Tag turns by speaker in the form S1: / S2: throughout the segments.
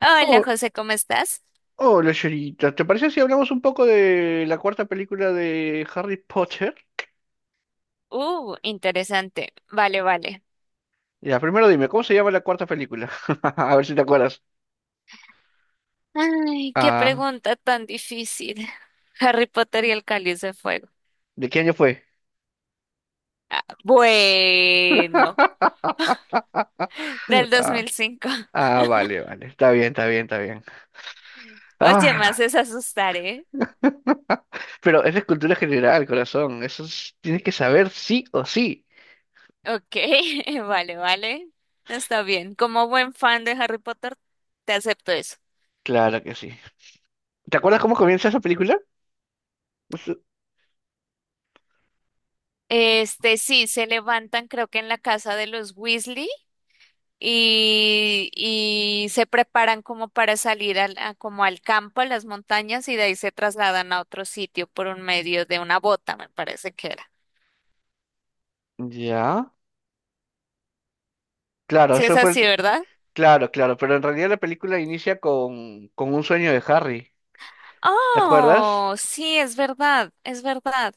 S1: Hola
S2: Oh,
S1: José, ¿cómo estás?
S2: hola, Sherita. ¿Te parece si hablamos un poco de la cuarta película de Harry Potter?
S1: Interesante. Vale, vale.
S2: Ya, primero dime, ¿cómo se llama la cuarta película? A ver si te acuerdas.
S1: Ay, qué
S2: Ah,
S1: pregunta tan difícil. Harry Potter y el Cáliz de Fuego.
S2: ¿De qué año fue?
S1: Bueno, del dos
S2: Ah,
S1: mil cinco.
S2: vale, vale. Está bien, está bien, está bien.
S1: Oye, me
S2: Ah,
S1: haces asustar, ¿eh?
S2: pero esa es cultura general, corazón. Tienes que saber sí o sí.
S1: Ok, vale, vale. Está bien. Como buen fan de Harry Potter, te acepto eso.
S2: Claro que sí. ¿Te acuerdas cómo comienza esa película? Eso-
S1: Este, sí, se levantan creo que en la casa de los Weasley y se preparan como para salir como al campo, a las montañas, y de ahí se trasladan a otro sitio por un medio de una bota, me parece que era.
S2: Ya. Claro,
S1: Sí, es
S2: eso fue.
S1: así, ¿verdad?
S2: Claro, claro. Pero en realidad la película inicia con, un sueño de Harry. ¿Te acuerdas?
S1: Oh, sí, es verdad, es verdad.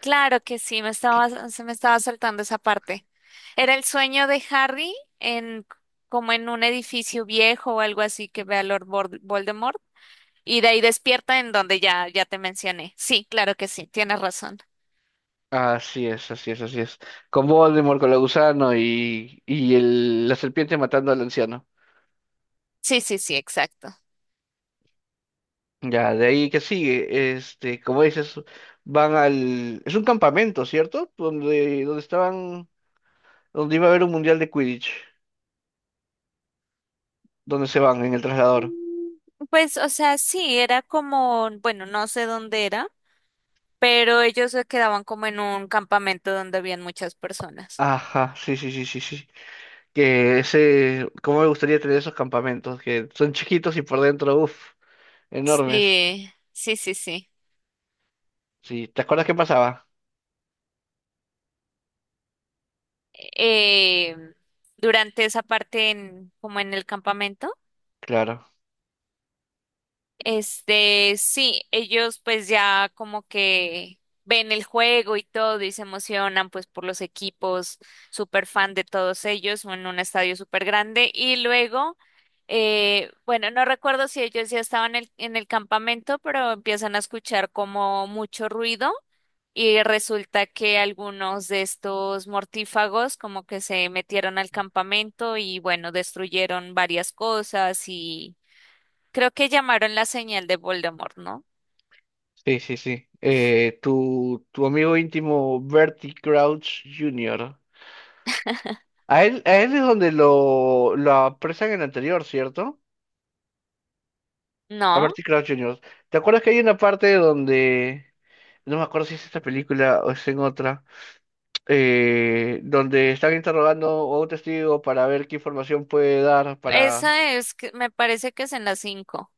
S1: Claro que sí,
S2: Que-
S1: se me estaba saltando esa parte. Era el sueño de Harry en como en un edificio viejo o algo así que ve a Lord Voldemort. Y de ahí despierta en donde ya te mencioné. Sí, claro que sí, tienes razón.
S2: Así es, así es, así es. Con Voldemort, con la gusano la serpiente matando al anciano.
S1: Sí, sí, sí, exacto.
S2: Ya, de ahí que sigue, este, como dices, van al... Es un campamento, ¿cierto? Donde estaban, donde iba a haber un mundial de Quidditch, donde se van en el traslador.
S1: Pues, o sea, sí, era como, bueno, no sé dónde era, pero ellos se quedaban como en un campamento donde habían muchas personas.
S2: Ajá, sí, sí, sí, sí, sí. Que ese, cómo me gustaría tener esos campamentos, que son chiquitos y por dentro, uff, enormes.
S1: Sí, sí, sí, sí.
S2: Sí, ¿te acuerdas qué pasaba?
S1: Eh, durante esa parte en, como en el campamento.
S2: Claro.
S1: Este, sí, ellos pues ya como que ven el juego y todo y se emocionan pues por los equipos, súper fan de todos ellos en un estadio súper grande y luego, bueno, no recuerdo si ellos ya estaban en el campamento, pero empiezan a escuchar como mucho ruido y resulta que algunos de estos mortífagos como que se metieron al campamento y bueno, destruyeron varias cosas y creo que llamaron la señal de Voldemort, ¿no?
S2: Sí, sí, sí. Tu amigo íntimo Bertie Crouch Jr. A él es donde lo apresan en el anterior, ¿cierto? A
S1: No,
S2: Bertie Crouch Jr. ¿Te acuerdas que hay una parte donde... No me acuerdo si es esta película o es en otra, donde están interrogando a un testigo para ver qué información puede dar para
S1: esa es, que- me parece que es en las 5.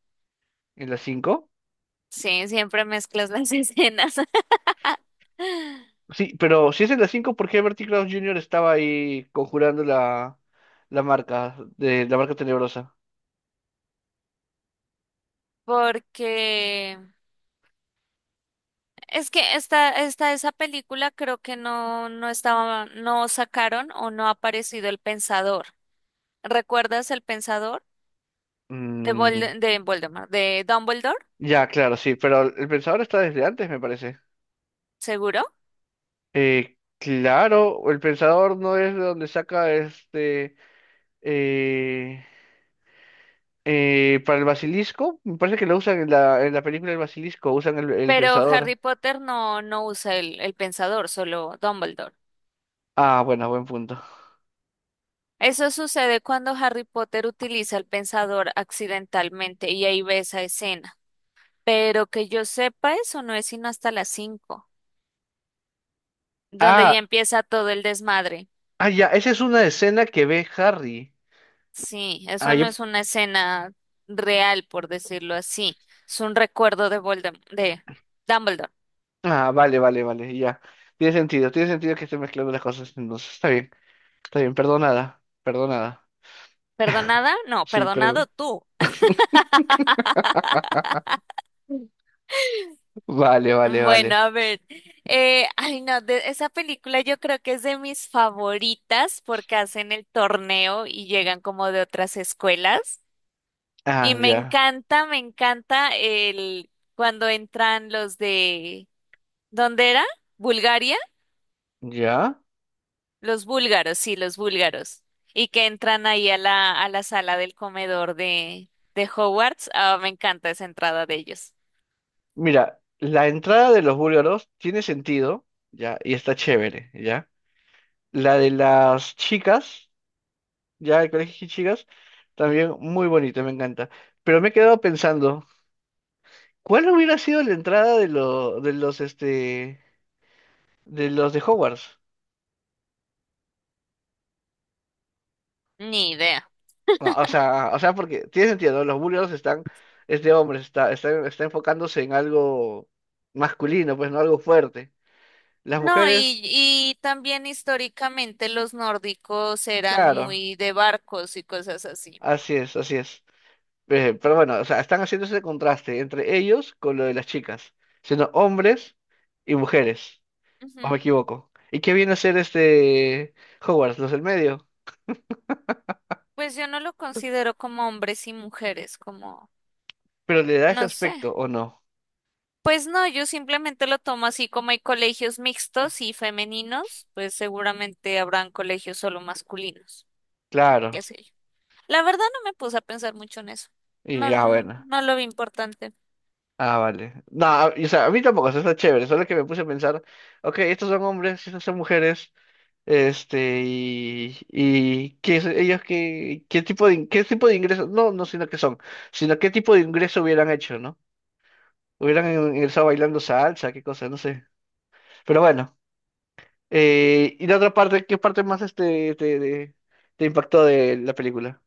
S2: en las 5?
S1: Sí, siempre mezclas las escenas.
S2: Sí, pero si es en las cinco, ¿por qué Bertie Krause Jr. estaba ahí conjurando la marca, la marca tenebrosa?
S1: Porque es que esa película creo que no, no estaba, no sacaron o no ha aparecido el Pensador. ¿Recuerdas el Pensador? De
S2: Mm,
S1: de Voldemort, de Dumbledore,
S2: ya, claro, sí, pero el pensador está desde antes, me parece.
S1: seguro.
S2: Claro, el pensador no es de donde saca este... eh, para el basilisco, me parece que lo usan en en la película El Basilisco, usan el
S1: Pero
S2: pensador.
S1: Harry Potter no usa el Pensador, solo Dumbledore.
S2: Ah, bueno, buen punto.
S1: Eso sucede cuando Harry Potter utiliza el pensador accidentalmente y ahí ve esa escena. Pero que yo sepa, eso no es sino hasta las 5, donde
S2: Ah,
S1: ya empieza todo el desmadre.
S2: ya, esa es una escena que ve Harry.
S1: Sí,
S2: Ah,
S1: eso no
S2: yo-
S1: es una escena real, por decirlo así. Es un recuerdo de de Dumbledore.
S2: ah, vale, vale, vale, ya. Tiene sentido que esté mezclando las cosas, entonces está bien, perdonada, perdonada.
S1: ¿Perdonada? No,
S2: Sí,
S1: perdonado
S2: perdón.
S1: tú.
S2: Vale, vale,
S1: Bueno,
S2: vale.
S1: a ver, ay no, esa película yo creo que es de mis favoritas porque hacen el torneo y llegan como de otras escuelas. Y
S2: Ya,
S1: me encanta el cuando entran los de, ¿dónde era? ¿Bulgaria?
S2: ya.
S1: Los búlgaros, sí, los búlgaros. Y que entran ahí a la sala del comedor de Hogwarts. Ah, me encanta esa entrada de ellos.
S2: Mira, la entrada de los búlgaros tiene sentido, ya, y está chévere, ya. La de las chicas, ya, el colegio de chicas, también muy bonito, me encanta. Pero me he quedado pensando, ¿cuál hubiera sido la entrada este, de los de Hogwarts?
S1: Ni idea.
S2: Ah, O sea, porque tiene sentido, ¿no? Los búlgaros están, este hombre está enfocándose en algo masculino, pues no algo fuerte. Las
S1: No,
S2: mujeres,
S1: y también históricamente los nórdicos eran
S2: claro,
S1: muy de barcos y cosas así.
S2: así es, así es. Pero bueno, o sea, están haciendo ese contraste entre ellos con lo de las chicas, siendo hombres y mujeres, o me
S1: Ujú.
S2: equivoco. ¿Y qué viene a ser este Hogwarts, los del medio?
S1: Pues yo no lo considero como hombres y mujeres, como,
S2: Pero le da ese
S1: no
S2: aspecto,
S1: sé.
S2: ¿o no?
S1: Pues no, yo simplemente lo tomo así como hay colegios mixtos y femeninos, pues seguramente habrán colegios solo masculinos, qué
S2: Claro.
S1: sé yo. La verdad no me puse a pensar mucho en eso. No,
S2: Y
S1: no,
S2: bueno.
S1: no lo vi importante.
S2: Ah, vale. No, o sea, a mí tampoco, o sea, está chévere, solo que me puse a pensar, ok, estos son hombres, estas son mujeres, este, y ¿qué es- ellos qué, qué tipo qué tipo de ingreso, no, no, sino que son, sino qué tipo de ingreso hubieran hecho, ¿no? Hubieran ingresado bailando salsa, qué cosa, no sé. Pero bueno. ¿Y la otra parte? ¿Qué parte más este te impactó de la película?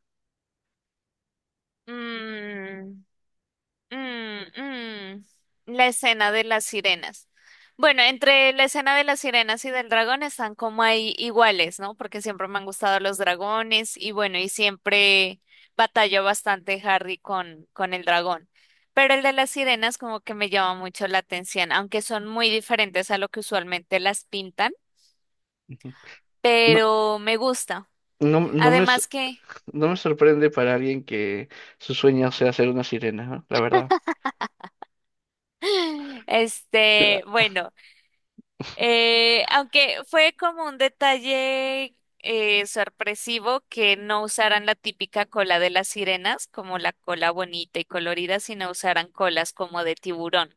S1: Mm. Mm, mm, La escena de las sirenas. Bueno, entre la escena de las sirenas y del dragón están como ahí iguales, ¿no? Porque siempre me han gustado los dragones y bueno, y siempre batalló bastante Harry con el dragón. Pero el de las sirenas como que me llama mucho la atención, aunque son muy diferentes a lo que usualmente las pintan,
S2: No,
S1: pero me gusta.
S2: no, no me, s-
S1: Además que,
S2: no me sorprende para alguien que su sueño sea ser una sirena, ¿no? La verdad.
S1: este,
S2: Ah,
S1: bueno. Aunque fue como un detalle sorpresivo que no usaran la típica cola de las sirenas, como la cola bonita y colorida, sino usaran colas como de tiburón.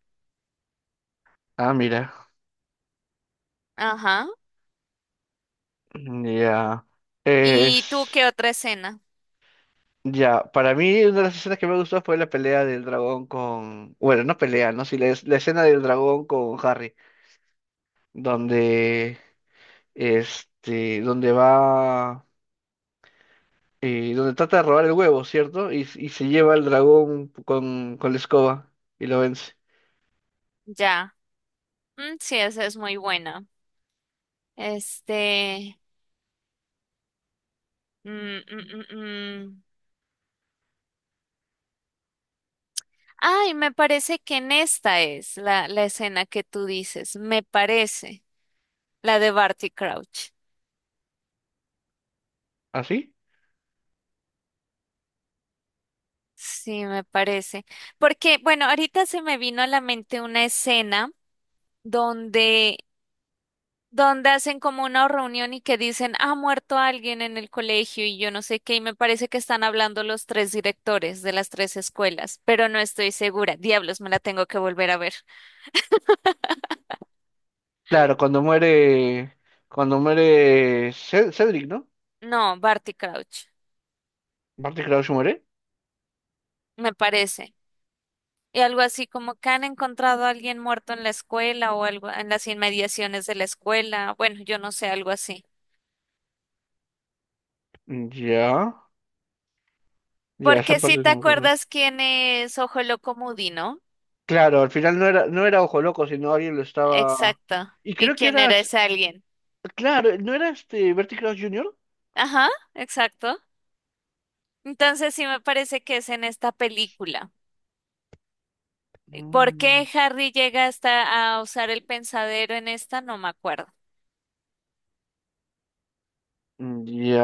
S2: mira.
S1: Ajá.
S2: Ya.
S1: ¿Y tú
S2: Es.
S1: qué otra escena?
S2: Ya. Para mí, una de las escenas que me gustó fue la pelea del dragón con. Bueno, no pelea, ¿no? Sí, la escena del dragón con Harry. Donde. Este. Donde va. Donde trata de robar el huevo, ¿cierto? Y se lleva al dragón con, la escoba y lo vence.
S1: Ya. Mm, sí, esa es muy buena. Este. mm, mm, mm, mm. Ay, me parece que en esta es la escena que tú dices. Me parece. La de Barty Crouch.
S2: ¿Así?
S1: Sí, me parece. Porque, bueno, ahorita se me vino a la mente una escena donde, donde hacen como una reunión y que dicen, ha muerto alguien en el colegio y yo no sé qué, y me parece que están hablando los tres directores de las tres escuelas, pero no estoy segura. Diablos, me la tengo que volver a ver.
S2: Claro, cuando muere Cedric, ¿no?
S1: No, Barty Crouch,
S2: Barty Crouch muere.
S1: me parece. Y algo así como que han encontrado a alguien muerto en la escuela o algo en las inmediaciones de la escuela. Bueno, yo no sé, algo así.
S2: Ya, ya, esa
S1: Porque si
S2: parte
S1: te
S2: no me acuerdo.
S1: acuerdas quién es Ojo Loco Moody, ¿no?
S2: Claro, al final no era, Ojo Loco, sino alguien lo estaba...
S1: Exacto.
S2: Y
S1: ¿Y
S2: creo que
S1: quién
S2: era...
S1: era ese alguien?
S2: Claro, ¿no era este Barty Crouch Jr.?
S1: Ajá, exacto. Entonces sí me parece que es en esta película. ¿Por
S2: Mm,
S1: qué Harry llega hasta a usar el pensadero en esta? No me acuerdo.
S2: ya,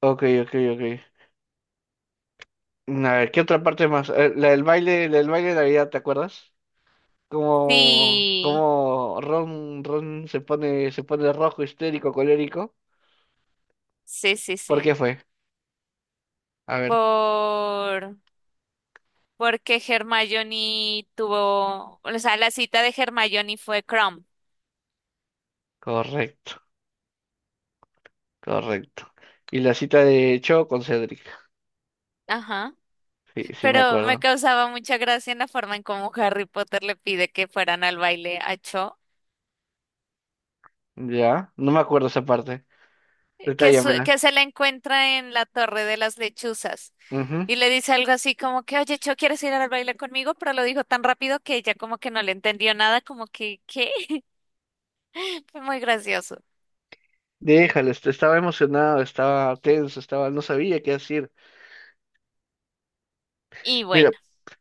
S2: ok, ok, ok. A ver, ¿qué otra parte más? La del baile de Navidad, ¿te acuerdas?
S1: Sí,
S2: Como Ron, se pone, rojo, histérico, colérico.
S1: sí, sí,
S2: ¿Por
S1: sí.
S2: qué fue? A ver,
S1: Por porque Hermione tuvo, o sea, la cita de Hermione fue Crumb.
S2: correcto, correcto. Y la cita de Cho con Cedric.
S1: Ajá.
S2: Sí, sí me
S1: Pero me
S2: acuerdo.
S1: causaba mucha gracia en la forma en cómo Harry Potter le pide que fueran al baile a Cho,
S2: Ya, no me acuerdo esa parte. Detállamela.
S1: que se la encuentra en la Torre de las Lechuzas
S2: Ujú.
S1: y le dice algo así como que, oye, Cho, ¿quieres ir al baile conmigo? Pero lo dijo tan rápido que ella como que no le entendió nada, como que, ¿qué? Fue muy gracioso.
S2: Déjalo, estaba emocionado, estaba tenso, estaba, no sabía qué decir.
S1: Y
S2: Mira,
S1: bueno,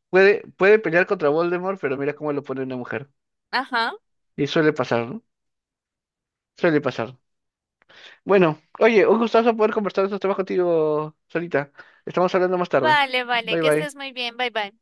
S2: puede pelear contra Voldemort, pero mira cómo lo pone una mujer.
S1: ajá.
S2: Y suele pasar, ¿no? Suele pasar. Bueno, oye, un gustazo poder conversar de estos temas contigo, Solita. Estamos hablando más tarde.
S1: Vale, vale,
S2: Bye
S1: que
S2: bye.
S1: estés muy bien, bye bye.